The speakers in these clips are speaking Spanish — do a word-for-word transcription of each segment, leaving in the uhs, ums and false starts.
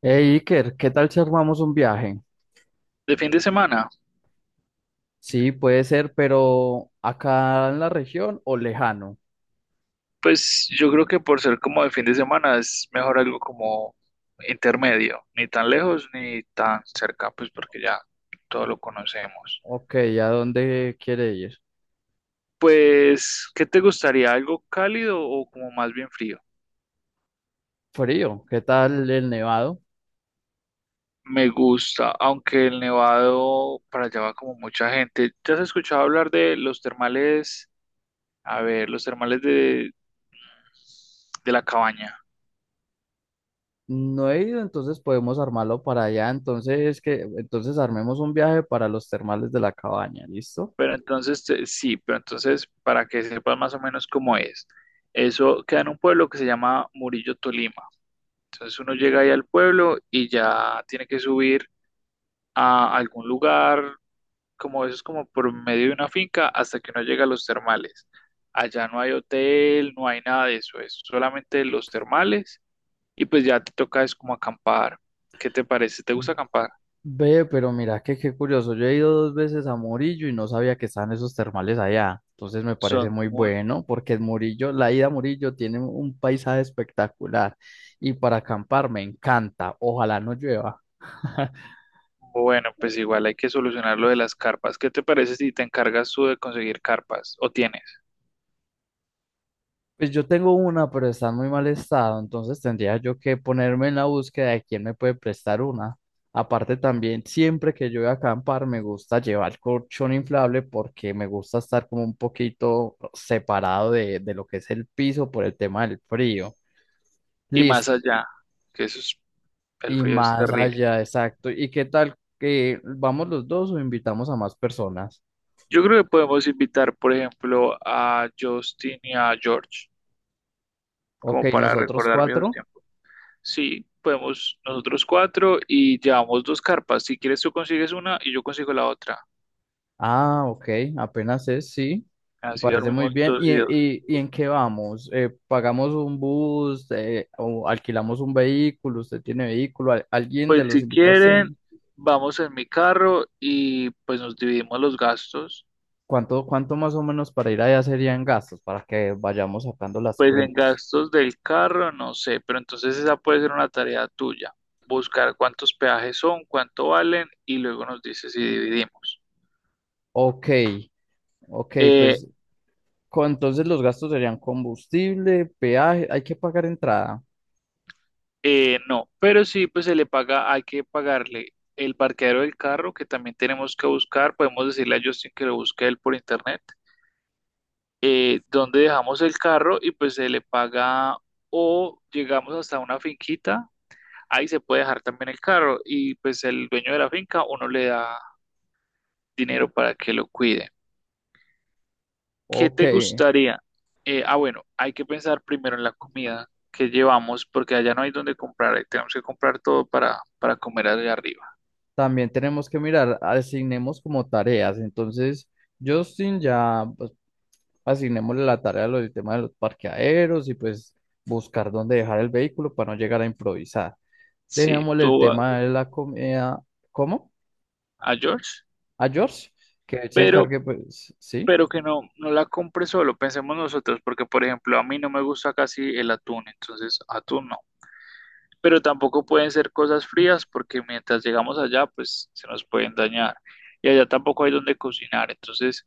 Hey Iker, ¿qué tal si armamos un viaje? De fin de semana, Sí, puede ser, pero acá en la región o lejano. pues yo creo que por ser como de fin de semana es mejor algo como intermedio, ni tan lejos ni tan cerca, pues porque ya todo lo conocemos. Ok, ¿a dónde quiere ir? Pues, ¿qué te gustaría? ¿Algo cálido o como más bien frío? Frío, ¿qué tal el nevado? Me gusta, aunque el Nevado para allá va como mucha gente. ¿Ya has escuchado hablar de los termales? A ver, los termales de, de la cabaña. No he ido, entonces podemos armarlo para allá. Entonces, que, entonces armemos un viaje para los termales de la cabaña, ¿listo? Pero entonces, te- sí, pero entonces, para que sepas más o menos cómo es, eso queda en un pueblo que se llama Murillo Tolima. Entonces uno llega ahí al pueblo y ya tiene que subir a algún lugar, como eso es como por medio de una finca, hasta que uno llega a los termales. Allá no hay hotel, no hay nada de eso, es solamente los termales y pues ya te toca es como acampar. ¿Qué te parece? ¿Te gusta acampar? Ve, pero mira, que qué curioso. Yo he ido dos veces a Murillo y no sabía que estaban esos termales allá. Entonces me parece Son muy muy, bueno porque en Murillo, la ida a Murillo tiene un paisaje espectacular y para acampar me encanta. Ojalá no llueva. bueno, pues igual hay que solucionar lo de las carpas. ¿Qué te parece si te encargas tú de conseguir carpas o tienes? Pues yo tengo una, pero está en muy mal estado, entonces tendría yo que ponerme en la búsqueda de quién me puede prestar una. Aparte también, siempre que yo voy a acampar, me gusta llevar colchón inflable porque me gusta estar como un poquito separado de, de lo que es el piso por el tema del frío. Y más Listo. allá, que eso es, el Y frío es más terrible. allá, exacto. ¿Y qué tal que vamos los dos o invitamos a más personas? Yo creo que podemos invitar, por ejemplo, a Justin y a George, Ok, como para nosotros recordar viejos cuatro. tiempos. Sí, podemos nosotros cuatro y llevamos dos carpas. Si quieres tú consigues una y yo consigo la otra. Ah, ok, apenas es, sí, me Así parece muy dormimos bien. dos ¿Y, y dos. y, y en qué vamos? Eh, ¿pagamos un bus eh, o alquilamos un vehículo? ¿Usted tiene vehículo? ¿Al- ¿Alguien de Pues los si invitados quieren, tiene? vamos en mi carro y pues nos dividimos los gastos. Cuánto, cuánto más o menos para ir allá serían gastos para que vayamos sacando las Pues en cuentas? gastos del carro, no sé, pero entonces esa puede ser una tarea tuya, buscar cuántos peajes son, cuánto valen y luego nos dices si dividimos. Ok, ok, Eh, pues con- entonces los gastos serían combustible, peaje, hay que pagar entrada. eh, no, pero sí, pues se le paga, hay que pagarle el parqueadero del carro que también tenemos que buscar, podemos decirle a Justin que lo busque él por internet, eh, dónde dejamos el carro y pues se le paga o llegamos hasta una finquita, ahí se puede dejar también el carro y pues el dueño de la finca uno le da dinero para que lo cuide. ¿Qué Ok, te gustaría? Eh, ah, bueno, hay que pensar primero en la comida que llevamos, porque allá no hay donde comprar, eh, tenemos que comprar todo para, para comer allá arriba. también tenemos que mirar, asignemos como tareas, entonces... Justin ya pues, asignémosle la tarea de lo del tema de los parqueaderos y pues buscar dónde dejar el vehículo para no llegar a improvisar. Sí, Dejémosle el tú a, tema de la comida, ¿cómo? a George, A George, que él se pero, encargue, pues, sí. pero que no, no la compre solo, pensemos nosotros, porque por ejemplo, a mí no me gusta casi el atún, entonces atún no. Pero tampoco pueden ser cosas frías, porque mientras llegamos allá, pues se nos pueden dañar. Y allá tampoco hay donde cocinar, entonces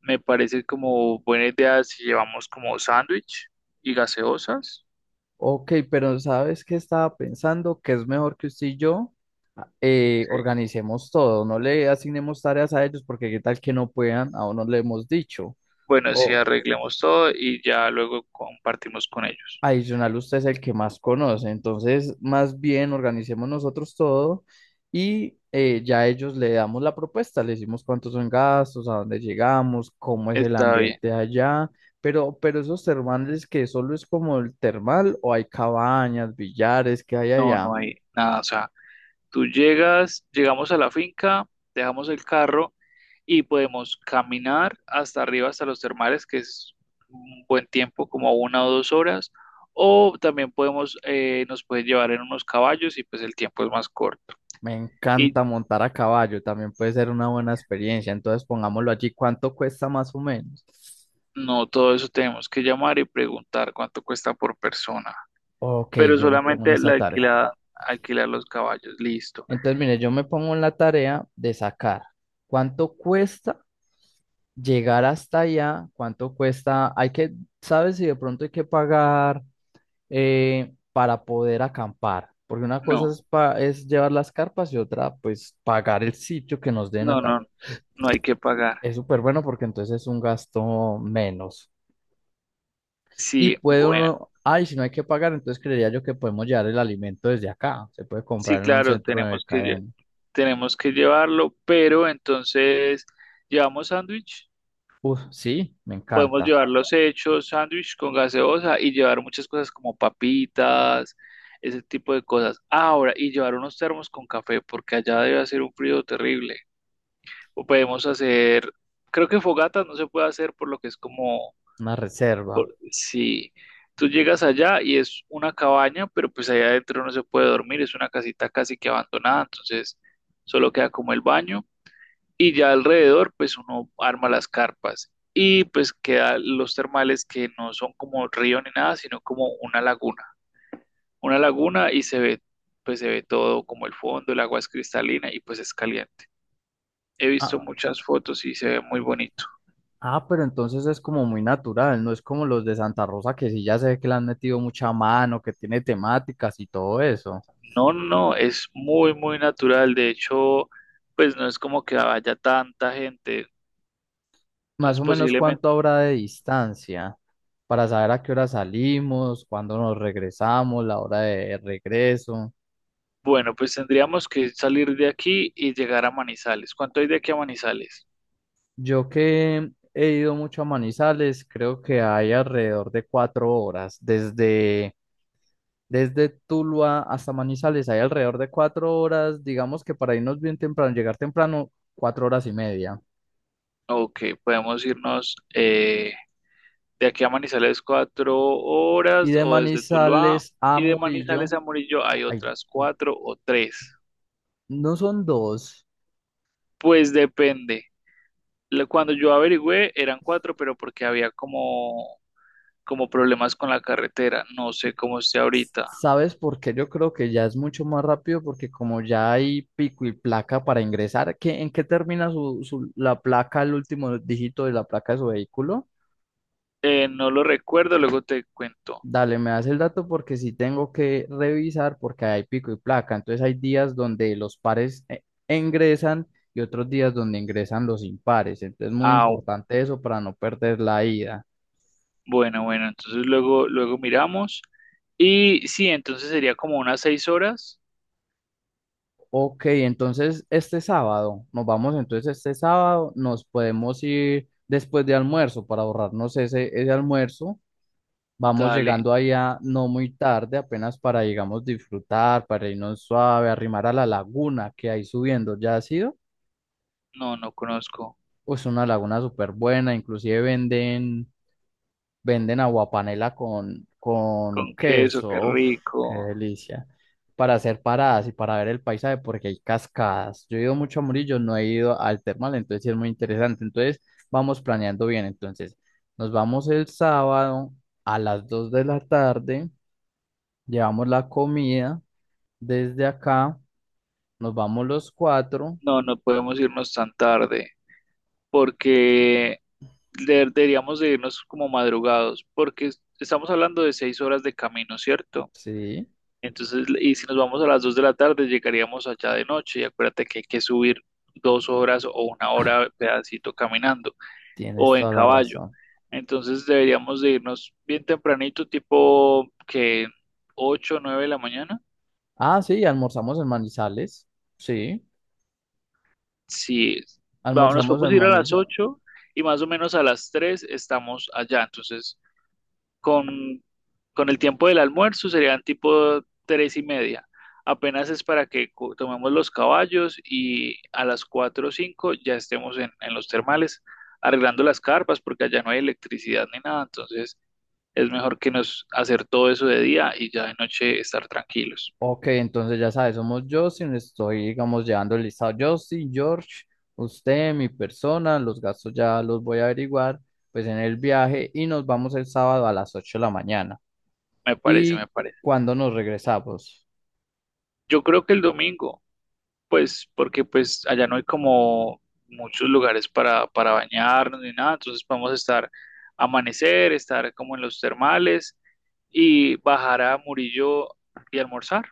me parece como buena idea si llevamos como sándwich y gaseosas. Ok, pero ¿sabes qué estaba pensando? Que es mejor que usted y yo eh, Sí. organicemos todo, no le asignemos tareas a ellos porque qué tal que no puedan, aún no le hemos dicho. Bueno, si O arreglemos todo y ya luego compartimos con ellos. Adicional, usted es el que más conoce, entonces más bien organicemos nosotros todo y eh, ya a ellos le damos la propuesta, le decimos cuántos son gastos, a dónde llegamos, cómo es el Está bien. ambiente allá, pero, pero esos termales que solo es como el termal o hay cabañas, billares que hay No, allá. no hay nada. O sea, tú llegas, llegamos a la finca, dejamos el carro y podemos caminar hasta arriba, hasta los termales, que es un buen tiempo, como una o dos horas. O también podemos, eh, nos pueden llevar en unos caballos y pues el tiempo es más corto. Me Y encanta montar a caballo, también puede ser una buena experiencia, entonces pongámoslo allí, ¿cuánto cuesta más o menos? no, todo eso tenemos que llamar y preguntar cuánto cuesta por persona, Ok, pero yo me pongo en solamente esta la tarea. alquilada, alquilar los caballos, listo. Entonces, mire, yo me pongo en la tarea de sacar cuánto cuesta llegar hasta allá, cuánto cuesta, hay que, ¿sabes si de pronto hay que pagar eh, para poder acampar? Porque una cosa No, es, pa- es llevar las carpas y otra, pues, pagar el sitio que nos den no, acá. no, no hay que pagar. Es súper bueno porque entonces es un gasto menos. Y Sí, puede bueno, uno, ay, si no hay que pagar, entonces creería yo que podemos llevar el alimento desde acá. Se puede sí, comprar en un claro, centro de tenemos que, lle- cadena. tenemos que llevarlo, pero entonces, ¿llevamos sándwich? Uf, sí, me Podemos encanta. llevar los hechos, sándwich con gaseosa y llevar muchas cosas como papitas, ese tipo de cosas. Ahora, y llevar unos termos con café, porque allá debe hacer un frío terrible. O podemos hacer, creo que fogata no se puede hacer por lo que es como Una reserva. si tú llegas allá y es una cabaña, pero pues allá adentro no se puede dormir, es una casita casi que abandonada, entonces solo queda como el baño y ya alrededor pues uno arma las carpas y pues queda los termales que no son como río ni nada, sino como una laguna, una laguna y se ve pues se ve todo como el fondo, el agua es cristalina y pues es caliente. He visto Ah, muchas fotos y se ve muy bonito. ah, pero entonces es como muy natural, no es como los de Santa Rosa que sí ya sé que le han metido mucha mano, que tiene temáticas y todo eso. No, no, no, es muy, muy natural. De hecho, pues no es como que vaya tanta gente. Más Entonces, o menos posiblemente, cuánto habrá de distancia para saber a qué hora salimos, cuándo nos regresamos, la hora de regreso. bueno, pues tendríamos que salir de aquí y llegar a Manizales. ¿Cuánto hay de aquí a Manizales? Yo que he ido mucho a Manizales, creo que hay alrededor de cuatro horas. Desde, desde Tuluá hasta Manizales hay alrededor de cuatro horas, digamos que para irnos bien temprano, llegar temprano, cuatro horas y media. Ok, podemos irnos eh, de aquí a Manizales cuatro horas Y de o desde Tuluá Manizales a y de Manizales Murillo, a Murillo hay ay, otras cuatro o tres. no son dos. Pues depende. Lo- Cuando yo averigüé eran cuatro, pero porque había como como problemas con la carretera. No sé cómo esté ahorita. ¿Sabes por qué? Yo creo que ya es mucho más rápido porque como ya hay pico y placa para ingresar, ¿qué, en qué termina su, su- la placa, el último dígito de la placa de su vehículo? Eh, no lo recuerdo, luego te cuento. Dale, me das el dato porque sí tengo que revisar porque hay pico y placa. Entonces hay días donde los pares eh, ingresan y otros días donde ingresan los impares. Entonces es muy Ah, importante eso para no perder la ida. bueno, bueno, entonces luego, luego miramos. Y sí, entonces sería como unas seis horas. Ok, entonces este sábado, nos vamos entonces este sábado, nos podemos ir después de almuerzo para ahorrarnos ese, ese almuerzo. Vamos Dale, llegando allá no muy tarde, apenas para, digamos, disfrutar, para irnos suave, arrimar a la laguna que hay subiendo. ¿Ya ha sido? no, no conozco. Pues una laguna súper buena, inclusive venden Venden aguapanela con, con Con queso, qué queso. Uf, qué rico. delicia. Para hacer paradas y para ver el paisaje, porque hay cascadas. Yo he ido mucho a Murillo, no he ido al termal, entonces sí es muy interesante. Entonces, vamos planeando bien. Entonces, nos vamos el sábado a las dos de la tarde, llevamos la comida desde acá, nos vamos los cuatro. No, no podemos irnos tan tarde porque de- deberíamos de irnos como madrugados porque es- estamos hablando de seis horas de camino, ¿cierto? Sí, Entonces, y si nos vamos a las dos de la tarde, llegaríamos allá de noche y acuérdate que hay que subir dos horas o una hora pedacito caminando tienes o en toda la caballo. razón. Entonces deberíamos de irnos bien tempranito, tipo que ocho o nueve de la mañana. Ah, sí, almorzamos en Manizales. Sí. Sí, vamos, nos Almorzamos podemos en ir a las Manizales. ocho y más o menos a las tres estamos allá. Entonces con, con el tiempo del almuerzo serían tipo tres y media. Apenas es para que co- tomemos los caballos y a las cuatro o cinco ya estemos en, en los termales arreglando las carpas porque allá no hay electricidad ni nada, entonces es mejor que nos hacer todo eso de día y ya de noche estar tranquilos. Ok, entonces ya sabes, somos Justin, estoy, digamos, llevando el listado. Justin, George, usted, mi persona, los gastos ya los voy a averiguar, pues en el viaje y nos vamos el sábado a las ocho de la mañana. Me parece, me ¿Y parece. cuando nos regresamos? Yo creo que el domingo, pues porque pues allá no hay como muchos lugares para, para bañarnos ni nada, entonces podemos estar amanecer, estar como en los termales y bajar a Murillo y almorzar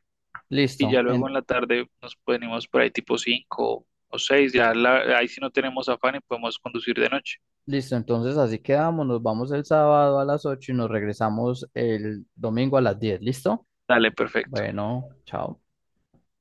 y ya Listo, luego en- en la tarde nos venimos por ahí tipo cinco o seis ya la- ahí sí no tenemos afán y podemos conducir de noche. listo, entonces así quedamos, nos vamos el sábado a las ocho y nos regresamos el domingo a las diez, ¿listo? Dale, perfecto. Bueno, chao.